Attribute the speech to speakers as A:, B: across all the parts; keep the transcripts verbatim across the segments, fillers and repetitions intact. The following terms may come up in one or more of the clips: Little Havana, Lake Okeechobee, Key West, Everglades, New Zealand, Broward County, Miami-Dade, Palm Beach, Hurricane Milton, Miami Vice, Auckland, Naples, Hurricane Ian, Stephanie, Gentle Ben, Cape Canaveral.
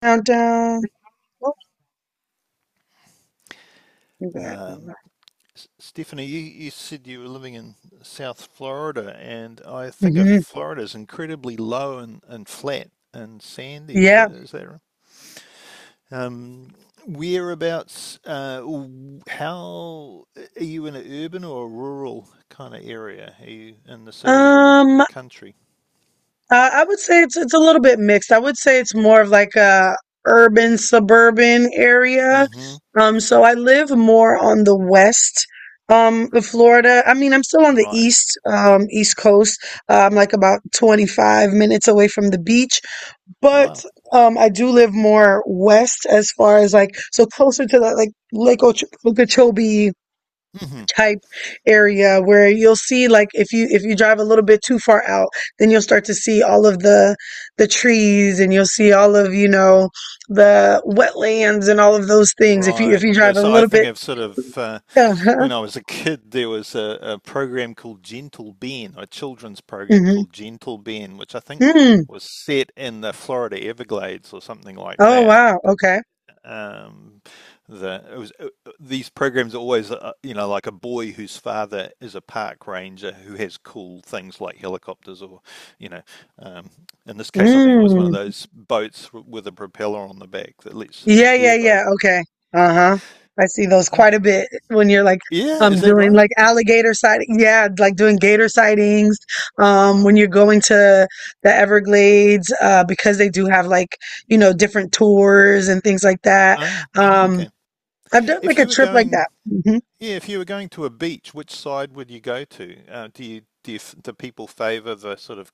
A: Countdown. Oh, you got
B: Um, Stephanie, you, you said you were living in South Florida, and I think of
A: hmm.
B: Florida is incredibly low and, and flat and sandy. Is that
A: Yeah.
B: is that right? Um, whereabouts? Uh, How are you in an urban or a rural kind of area? Are you in the city or the
A: Um,
B: the
A: uh,
B: country?
A: I would say it's it's a little bit mixed. I would say it's more of like a urban suburban area.
B: Mm-hmm.
A: Um, so I live more on the west, um, of Florida. I mean, I'm still on the
B: Right.
A: east, um, east coast. Uh, I'm like about twenty-five minutes away from the beach, but
B: Wow.
A: um, I do live more west as far as like so closer to the like Lake Ocho- Okeechobee
B: Hmm.
A: type area where you'll see like if you if you drive a little bit too far out then you'll start to see all of the the trees and you'll see all of you know the wetlands and all of those things if you if
B: Right.
A: you
B: The-
A: drive a
B: So I
A: little
B: think
A: bit.
B: I've sort of, uh,
A: Uh-huh.
B: when I was a kid, there was a, a program called Gentle Ben, a children's program
A: Hmm.
B: called Gentle Ben, which I think
A: Mm.
B: was set in the Florida Everglades or something like
A: Oh,
B: that. The
A: wow,
B: big-
A: okay.
B: Um, the it was uh, uh, these programs are always, uh, you know, like a boy whose father is a park ranger who has cool things like helicopters, or, you know, um, in this case, I think it was one of
A: Mm.
B: those boats w- with a propeller on the back that lets uh,
A: Yeah, yeah, yeah.
B: airboat.
A: Okay. Uh-huh. I see those quite a bit when you're like
B: Yeah,
A: um
B: is that
A: doing
B: right?
A: like alligator sighting. Yeah, like doing gator sightings. Um,
B: Alright.
A: when you're going to the Everglades, uh, because they do have like, you know, different tours and things like that.
B: Ah,
A: Um,
B: okay.
A: I've done
B: If
A: like a
B: you were
A: trip like
B: going,
A: that.
B: yeah, if you were going to a beach, which side would you go to? Uh, do you do you, do people favor the sort of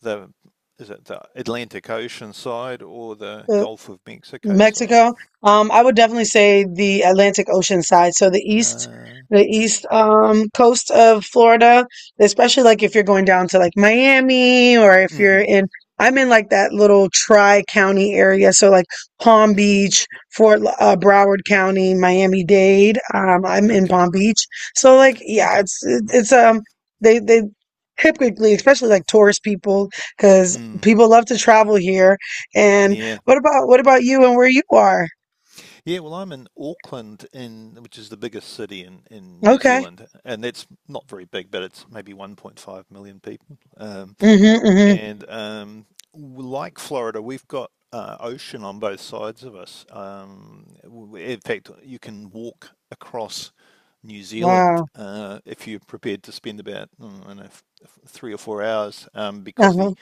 B: the is it the Atlantic Ocean side or the
A: Hmm.
B: Gulf of Mexico side?
A: Mexico. Um, I would definitely say the Atlantic Ocean side. So the east,
B: Uh,
A: the east um, coast of Florida, especially like if you're going down to like Miami or if you're
B: mm-hmm,
A: in, I'm in like that little tri-county area. So like Palm
B: mm-hmm.
A: Beach, Fort L- uh, Broward County, Miami-Dade. Um, I'm in
B: Okay,
A: Palm Beach. So like, yeah,
B: okay.
A: it's, it's, um, they, they, typically, especially like tourist people, because
B: Mm,
A: people love to travel here, and
B: yeah,
A: what about what about you and where you are?
B: yeah. Well, I'm in Auckland, in which is the biggest city in in New
A: Okay.
B: Zealand, and that's not very big, but it's maybe one point five million people. Um,
A: Mm-hmm. Mm-hmm.
B: and um, like Florida, we've got uh, ocean on both sides of us. Um, in fact, you can walk across New Zealand
A: Wow.
B: uh, if you're prepared to spend about mm, I don't know, three or four hours um, because the
A: Uh-huh.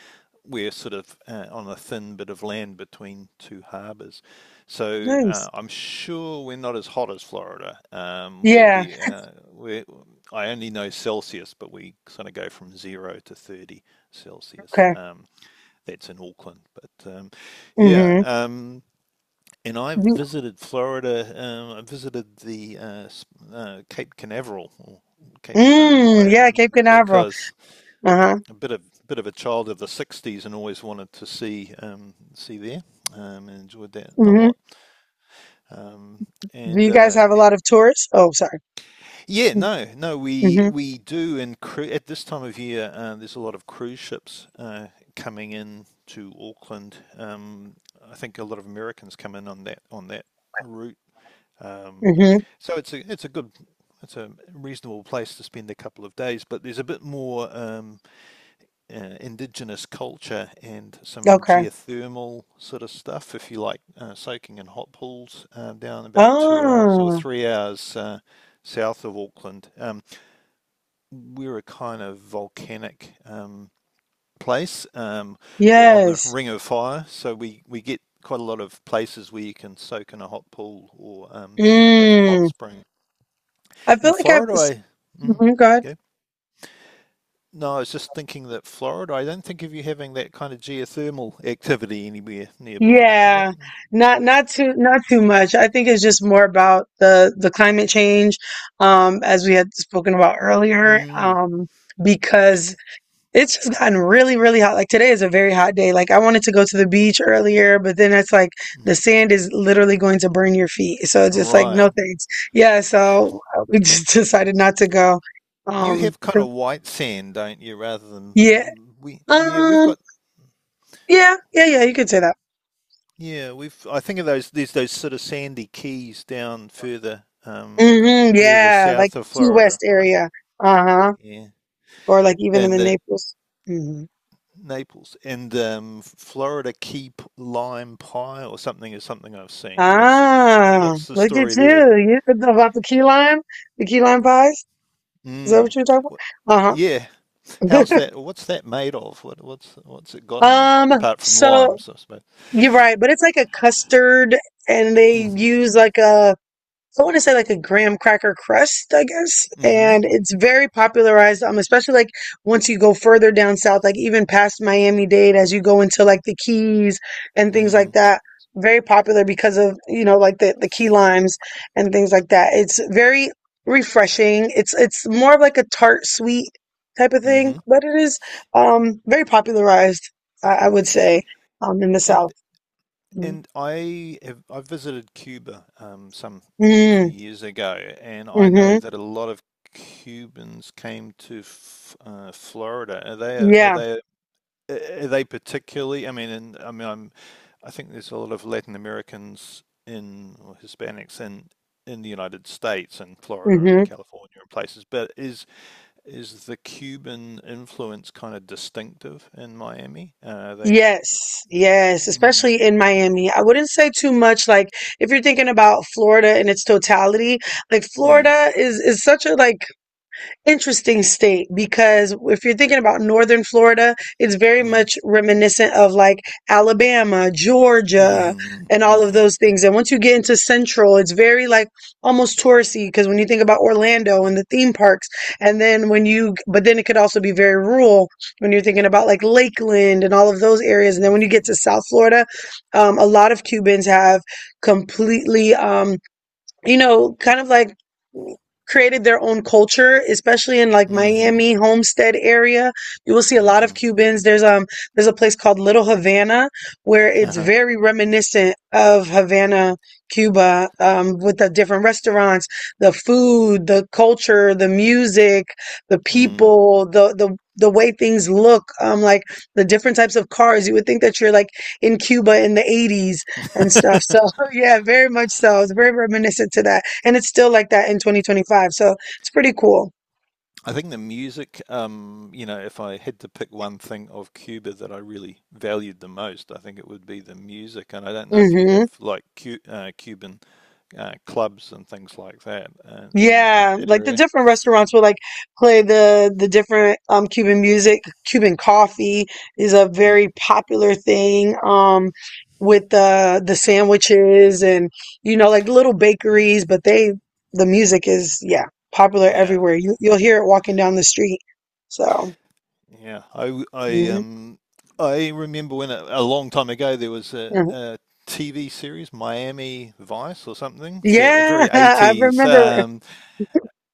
B: we're sort of uh, on a thin bit of land between two harbours. So
A: Nice.
B: uh, I'm sure we're not as hot as Florida. Um, we
A: Yeah.
B: we uh, we I only know Celsius, but we sort of go from zero to thirty Celsius.
A: Okay.
B: Um, that's in Auckland. But um, yeah,
A: Mm-hmm.
B: um, and I've
A: Do,
B: visited Florida. Um, I visited the uh, uh, Cape Canaveral, or Cape. Um, I
A: mm, yeah,
B: um,
A: Cape Canaveral.
B: because
A: Uh-huh.
B: a bit of bit of a child of the sixties and always wanted to see um, see there. Um, and enjoyed that a
A: Mm-hmm.
B: lot. Um,
A: Do
B: and
A: you guys
B: uh,
A: have a lot of tourists? Oh, sorry.
B: Yeah, no, no, we
A: Mm-hmm.
B: we do, and cru- at this time of year, uh, there's a lot of cruise ships uh, coming in to Auckland. Um, I think a lot of Americans come in on that on that route. Um,
A: Mm-hmm.
B: so it's a it's a good it's a reasonable place to spend a couple of days, but there's a bit more um, uh, indigenous culture and some
A: Okay.
B: geothermal sort of stuff if you like uh, soaking in hot pools uh, down about two hours or
A: Oh,
B: three hours uh, south of Auckland. Um, we're a kind of volcanic um, place um, or on the
A: yes.
B: ring of fire. So we, we get quite a lot of places where you can soak in a hot pool or, um, you know, have hot
A: Mm.
B: spring.
A: I feel
B: In
A: like I've,
B: Florida, I mm,
A: mm.
B: go. No, I was just thinking that Florida. I don't think of you having that kind of geothermal activity anywhere nearby, is it?
A: Yeah, not not too not too much. I think it's just more about the the climate change, um, as we had spoken about earlier,
B: Mm,
A: um, because it's just gotten really, really hot. Like today is a very hot day. Like I wanted to go to the beach earlier, but then it's like the
B: mm.
A: sand is literally going to burn your feet. So it's just like
B: Right.
A: no thanks. Yeah, so we just decided not to go.
B: You
A: Um,
B: have kind of white sand, don't you, rather
A: yeah,
B: than we? Yeah, we've
A: um,
B: got.
A: yeah, yeah, yeah. You could say that.
B: Yeah, we've. I think of those. There's those sort of sandy keys down further, um,
A: Hmm,
B: further
A: yeah, like
B: south of
A: Key West
B: Florida, right?
A: area. Uh-huh.
B: Yeah,
A: Or like even in
B: and
A: the
B: the
A: Naples. Hmm.
B: Naples and um, Florida key p- lime pie or something is something I've seen. What's
A: Ah,
B: what's the
A: look at
B: story there?
A: you. You could know about the key lime, the key lime pies. Is that what
B: Mm.
A: you're talking
B: What,
A: about?
B: yeah, how's
A: Uh-huh.
B: that? What's that made of? What what's what's it got in it
A: Um,
B: apart from
A: so
B: limes, I suppose.
A: you're right, but it's like a custard and they
B: Mm-hmm.
A: use like a I want to say like a graham cracker crust, I guess.
B: Mm-hmm.
A: And it's very popularized, um, especially like once you go further down south, like even past Miami-Dade, as you go into like the Keys and things
B: Mm-hmm.
A: like that. Very popular because of, you know, like the, the key limes and things like that. It's very refreshing. It's it's more of like a tart sweet type of thing,
B: Mm-hmm.
A: but it is um very popularized, I, I would say, um, in the
B: And
A: South. Mm.
B: And I have, I visited Cuba um, some few
A: Mm-hmm.
B: years ago, and I know that a lot of Cubans came to f uh, Florida. Are they are
A: Yeah.
B: they are they particularly? I mean, and I mean, I'm, I think there's a lot of Latin Americans in or Hispanics in in the United States and Florida
A: Mm-hmm.
B: and California and places. But is is the Cuban influence kind of distinctive in Miami? Uh, are they?
A: Yes, yes,
B: Mm,
A: especially in Miami. I wouldn't say too much like if you're thinking about Florida in its totality, like
B: mm,
A: Florida is is such a like interesting state because if you're thinking about northern Florida, it's very
B: mm.
A: much reminiscent of like Alabama, Georgia,
B: Mhm,
A: and all of
B: mhm,
A: those things. And once you get into central, it's very like almost touristy because when you think about Orlando and the theme parks, and then when you, but then it could also be very rural when you're thinking about like Lakeland and all of those areas. And then when you get
B: mhm,
A: to South Florida, um, a lot of Cubans have completely. Um, you know, kind of like created their own culture, especially in like
B: mhm,
A: Miami Homestead area. You will see a lot of
B: mhm,
A: Cubans. There's um there's a place called Little Havana where it's
B: uh-huh,
A: very reminiscent of Havana, Cuba, um, with the different restaurants, the food, the culture, the music, the
B: mm.
A: people, the the the way things look, um, like the different types of cars. You would think that you're like in Cuba in the eighties and stuff. So yeah, very much so. It's very reminiscent to that, and it's still like that in twenty twenty-five. So it's pretty cool.
B: I think the music, um, you know, if I had to pick one thing of Cuba that I really valued the most, I think it would be the music. And I don't know if you
A: Hmm.
B: have like Cu uh, Cuban uh, clubs and things like that uh, in in
A: Yeah,
B: that
A: like the
B: area.
A: different restaurants will like play the the different um Cuban music. Cuban coffee is a
B: Mm.
A: very popular thing. Um, with the the sandwiches and you know like little
B: Mm.
A: bakeries, but they the music is yeah popular
B: Yeah.
A: everywhere. You you'll hear it walking down the street. So
B: Yeah, I I
A: mhm.
B: um I remember when a, a long time ago there was a,
A: Mhm.
B: a T V series, Miami Vice or something, set a
A: Yeah,
B: very
A: I
B: eighties,
A: remember.
B: um,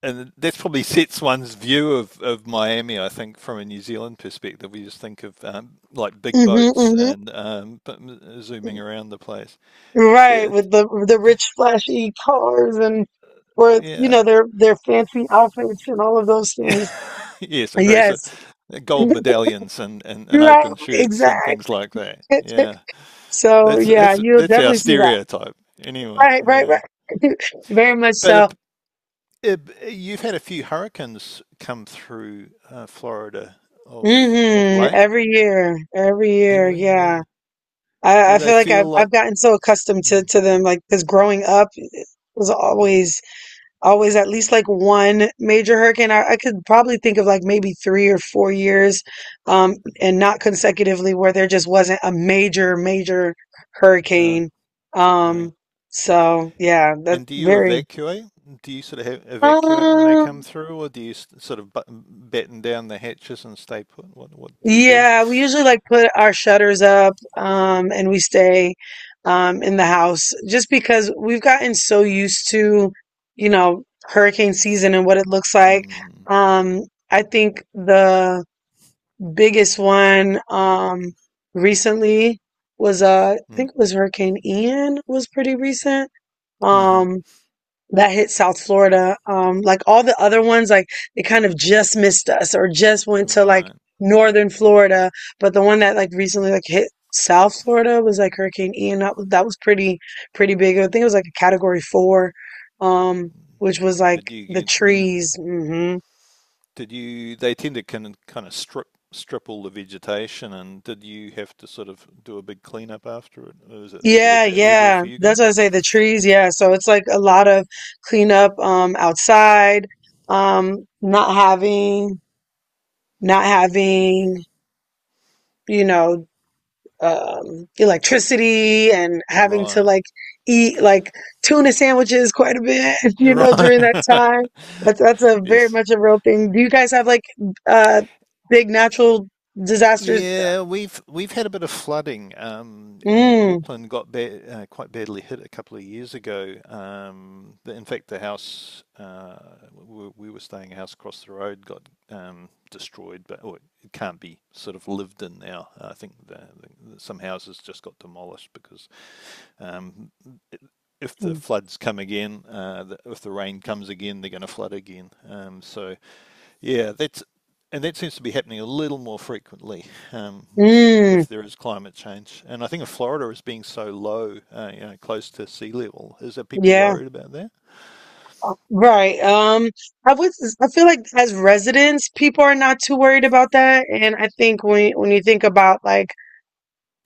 B: and that's probably sets one's view of, of Miami, I think, from a New Zealand perspective. We just think of, um, like big
A: Hmm.
B: boats
A: Hmm.
B: and um, but m- zooming around the place.
A: Right,
B: It,
A: with the the rich, flashy cars and with you know
B: yeah.
A: their their fancy outfits and all of those things.
B: Yes, very so,
A: Yes,
B: gold medallions and, and, and
A: right,
B: open shirts and things
A: exactly.
B: like that. Yeah.
A: So
B: That's
A: yeah,
B: that's
A: you'll
B: that's our
A: definitely see that.
B: stereotype anyway.
A: Right, right,
B: Yeah,
A: right. Very much
B: but it,
A: so.
B: it, you've had a few hurricanes come through uh, Florida of of
A: Hmm.
B: late.
A: Every year, every year,
B: Every
A: yeah.
B: year,
A: I,
B: do
A: I feel
B: they
A: like I've
B: feel like?
A: I've gotten so accustomed to
B: Mm,
A: to them, like because growing up it was
B: mm,
A: always. Always at least like one major hurricane. I, I could probably think of like maybe three or four years, um, and not consecutively where there just wasn't a major, major
B: yeah,
A: hurricane.
B: yeah.
A: Um, so yeah, that's
B: And do you
A: very,
B: evacuate? Do you sort of have, evacuate when they come
A: um,
B: through, or do you s- sort of button, batten down the hatches and stay put? What what do you do?
A: yeah, we usually like put our shutters up, um, and we stay, um, in the house just because we've gotten so used to, you know, hurricane season and what it looks like.
B: Mm,
A: Um, I think the biggest one um recently was uh I
B: mm,
A: think it was Hurricane Ian was pretty recent.
B: mm-hmm.
A: Um, that hit South Florida. Um, like all the other ones like they kind of just missed us or just went to like
B: Right.
A: northern Florida, but the one that like recently like hit South Florida was like Hurricane Ian. That, was- that was pretty pretty big. I think it was like a category four um which was
B: Did
A: like
B: you
A: the
B: get? Mm.
A: trees. Hmm.
B: Did you? They tend to kind of, kind of strip strip all the vegetation, and did you have to sort of do a big cleanup after it? Was it was it
A: Yeah,
B: at that level
A: yeah.
B: for you
A: That's
B: guys?
A: what I say, the trees, yeah. So it's like a lot of cleanup um outside, um, not having not having, you know, um electricity and having to
B: Right,
A: like eat like tuna sandwiches quite a bit, you know, during that
B: right.
A: time. That's that's a very
B: Yes,
A: much a real thing. Do you guys have like uh big natural disasters?
B: yeah, we've we've had a bit of flooding, um, and
A: Mm.
B: Auckland got ba uh, quite badly hit a couple of years ago. Um, the, in fact, the house uh, we, we were staying a house across the road got, um, destroyed, but or it can't be sort of lived in now. I think the, the, some houses just got demolished because, um, it, if the
A: Mm.
B: floods come again, uh, the, if the rain comes again, they're going to flood again. Um, so yeah, that's and that seems to be happening a little more frequently um, with
A: Mm.
B: if there is climate change. And I think of Florida as being so low, uh, you know, close to sea level. Is there people
A: Yeah.
B: worried about that?
A: Right. Um, I would, I feel like as residents, people are not too worried about that. And I think when when you think about like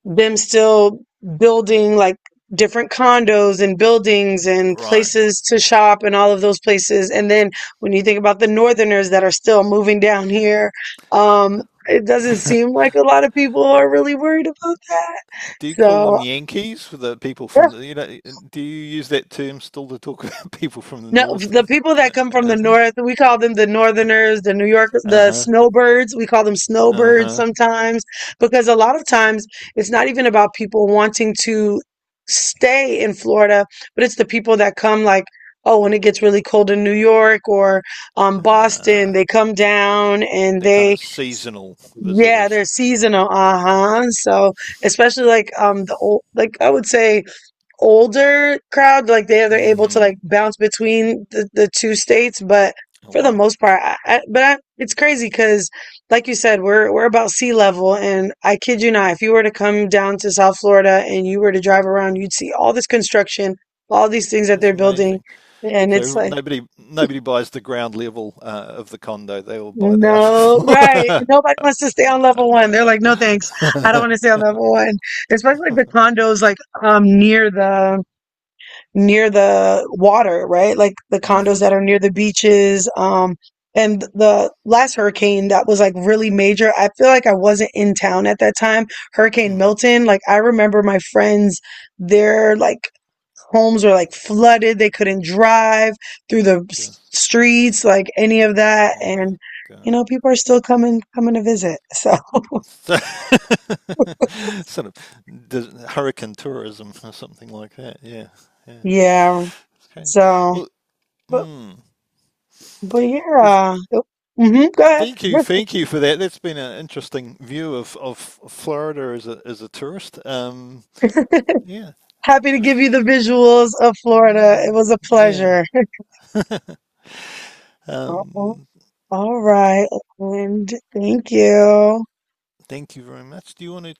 A: them still building like different condos and buildings and
B: Right.
A: places to shop and all of those places, and then when you think about the northerners that are still moving down here, um, it doesn't seem like a lot of people are really worried about that.
B: Do you call
A: So.
B: them Yankees for the people from the, you know, do you use that term still to talk about people from the
A: No,
B: north
A: the
B: of,
A: people that come from the
B: uh,
A: north, we call them the northerners, the New Yorkers, the
B: uh-huh,
A: snowbirds. We call them snowbirds
B: uh-huh,
A: sometimes because a lot of times it's not even about people wanting to stay in Florida, but it's the people that come like, oh, when it gets really cold in New York or um, Boston,
B: uh,
A: they come down and
B: they're kind
A: they,
B: of seasonal
A: yeah,
B: visitors.
A: they're seasonal. Uh-huh. So especially like um the old, like I would say older crowd, like they they're able to
B: Mm-hmm.
A: like bounce between the, the two states, but
B: Oh,
A: for the
B: wow.
A: most part, I, I, but I, it's crazy because, like you said, we're we're about sea level, and I kid you not, if you were to come down to South Florida and you were to drive around, you'd see all this construction, all these things that
B: That's
A: they're building,
B: amazing.
A: and it's
B: So
A: like.
B: nobody nobody buys the ground level uh, of the condo. They all buy the upper
A: No, right.
B: floor.
A: Nobody wants to stay on level one. They're like, no, thanks. I don't want to stay on level one, especially like the condos, like um near the near the water, right? Like the condos
B: Hmm.
A: that are near the beaches. Um, and the last hurricane that was like really major, I feel like I wasn't in town at that time. Hurricane
B: Hmm.
A: Milton, like I remember my friends, their like homes were like flooded. They couldn't drive through the s-
B: Gus,
A: streets, like any of that. And,
B: gus,
A: you
B: gus.
A: know, people are still coming, coming to visit. So,
B: sort of hurricane tourism or something like that. Yeah, yeah.
A: yeah.
B: It's crazy.
A: So,
B: Well,
A: but,
B: mm,
A: but yeah.
B: well,
A: uh, oh, Mm-hmm,
B: thank you,
A: go
B: thank you for that. That's been an interesting view of, of Florida as a as a tourist. Um,
A: ahead.
B: yeah,
A: Happy to give you the visuals of Florida. It
B: yeah.
A: was a
B: Yeah.
A: pleasure.
B: Um,
A: All right, and thank you.
B: Thank you very much. Do you want to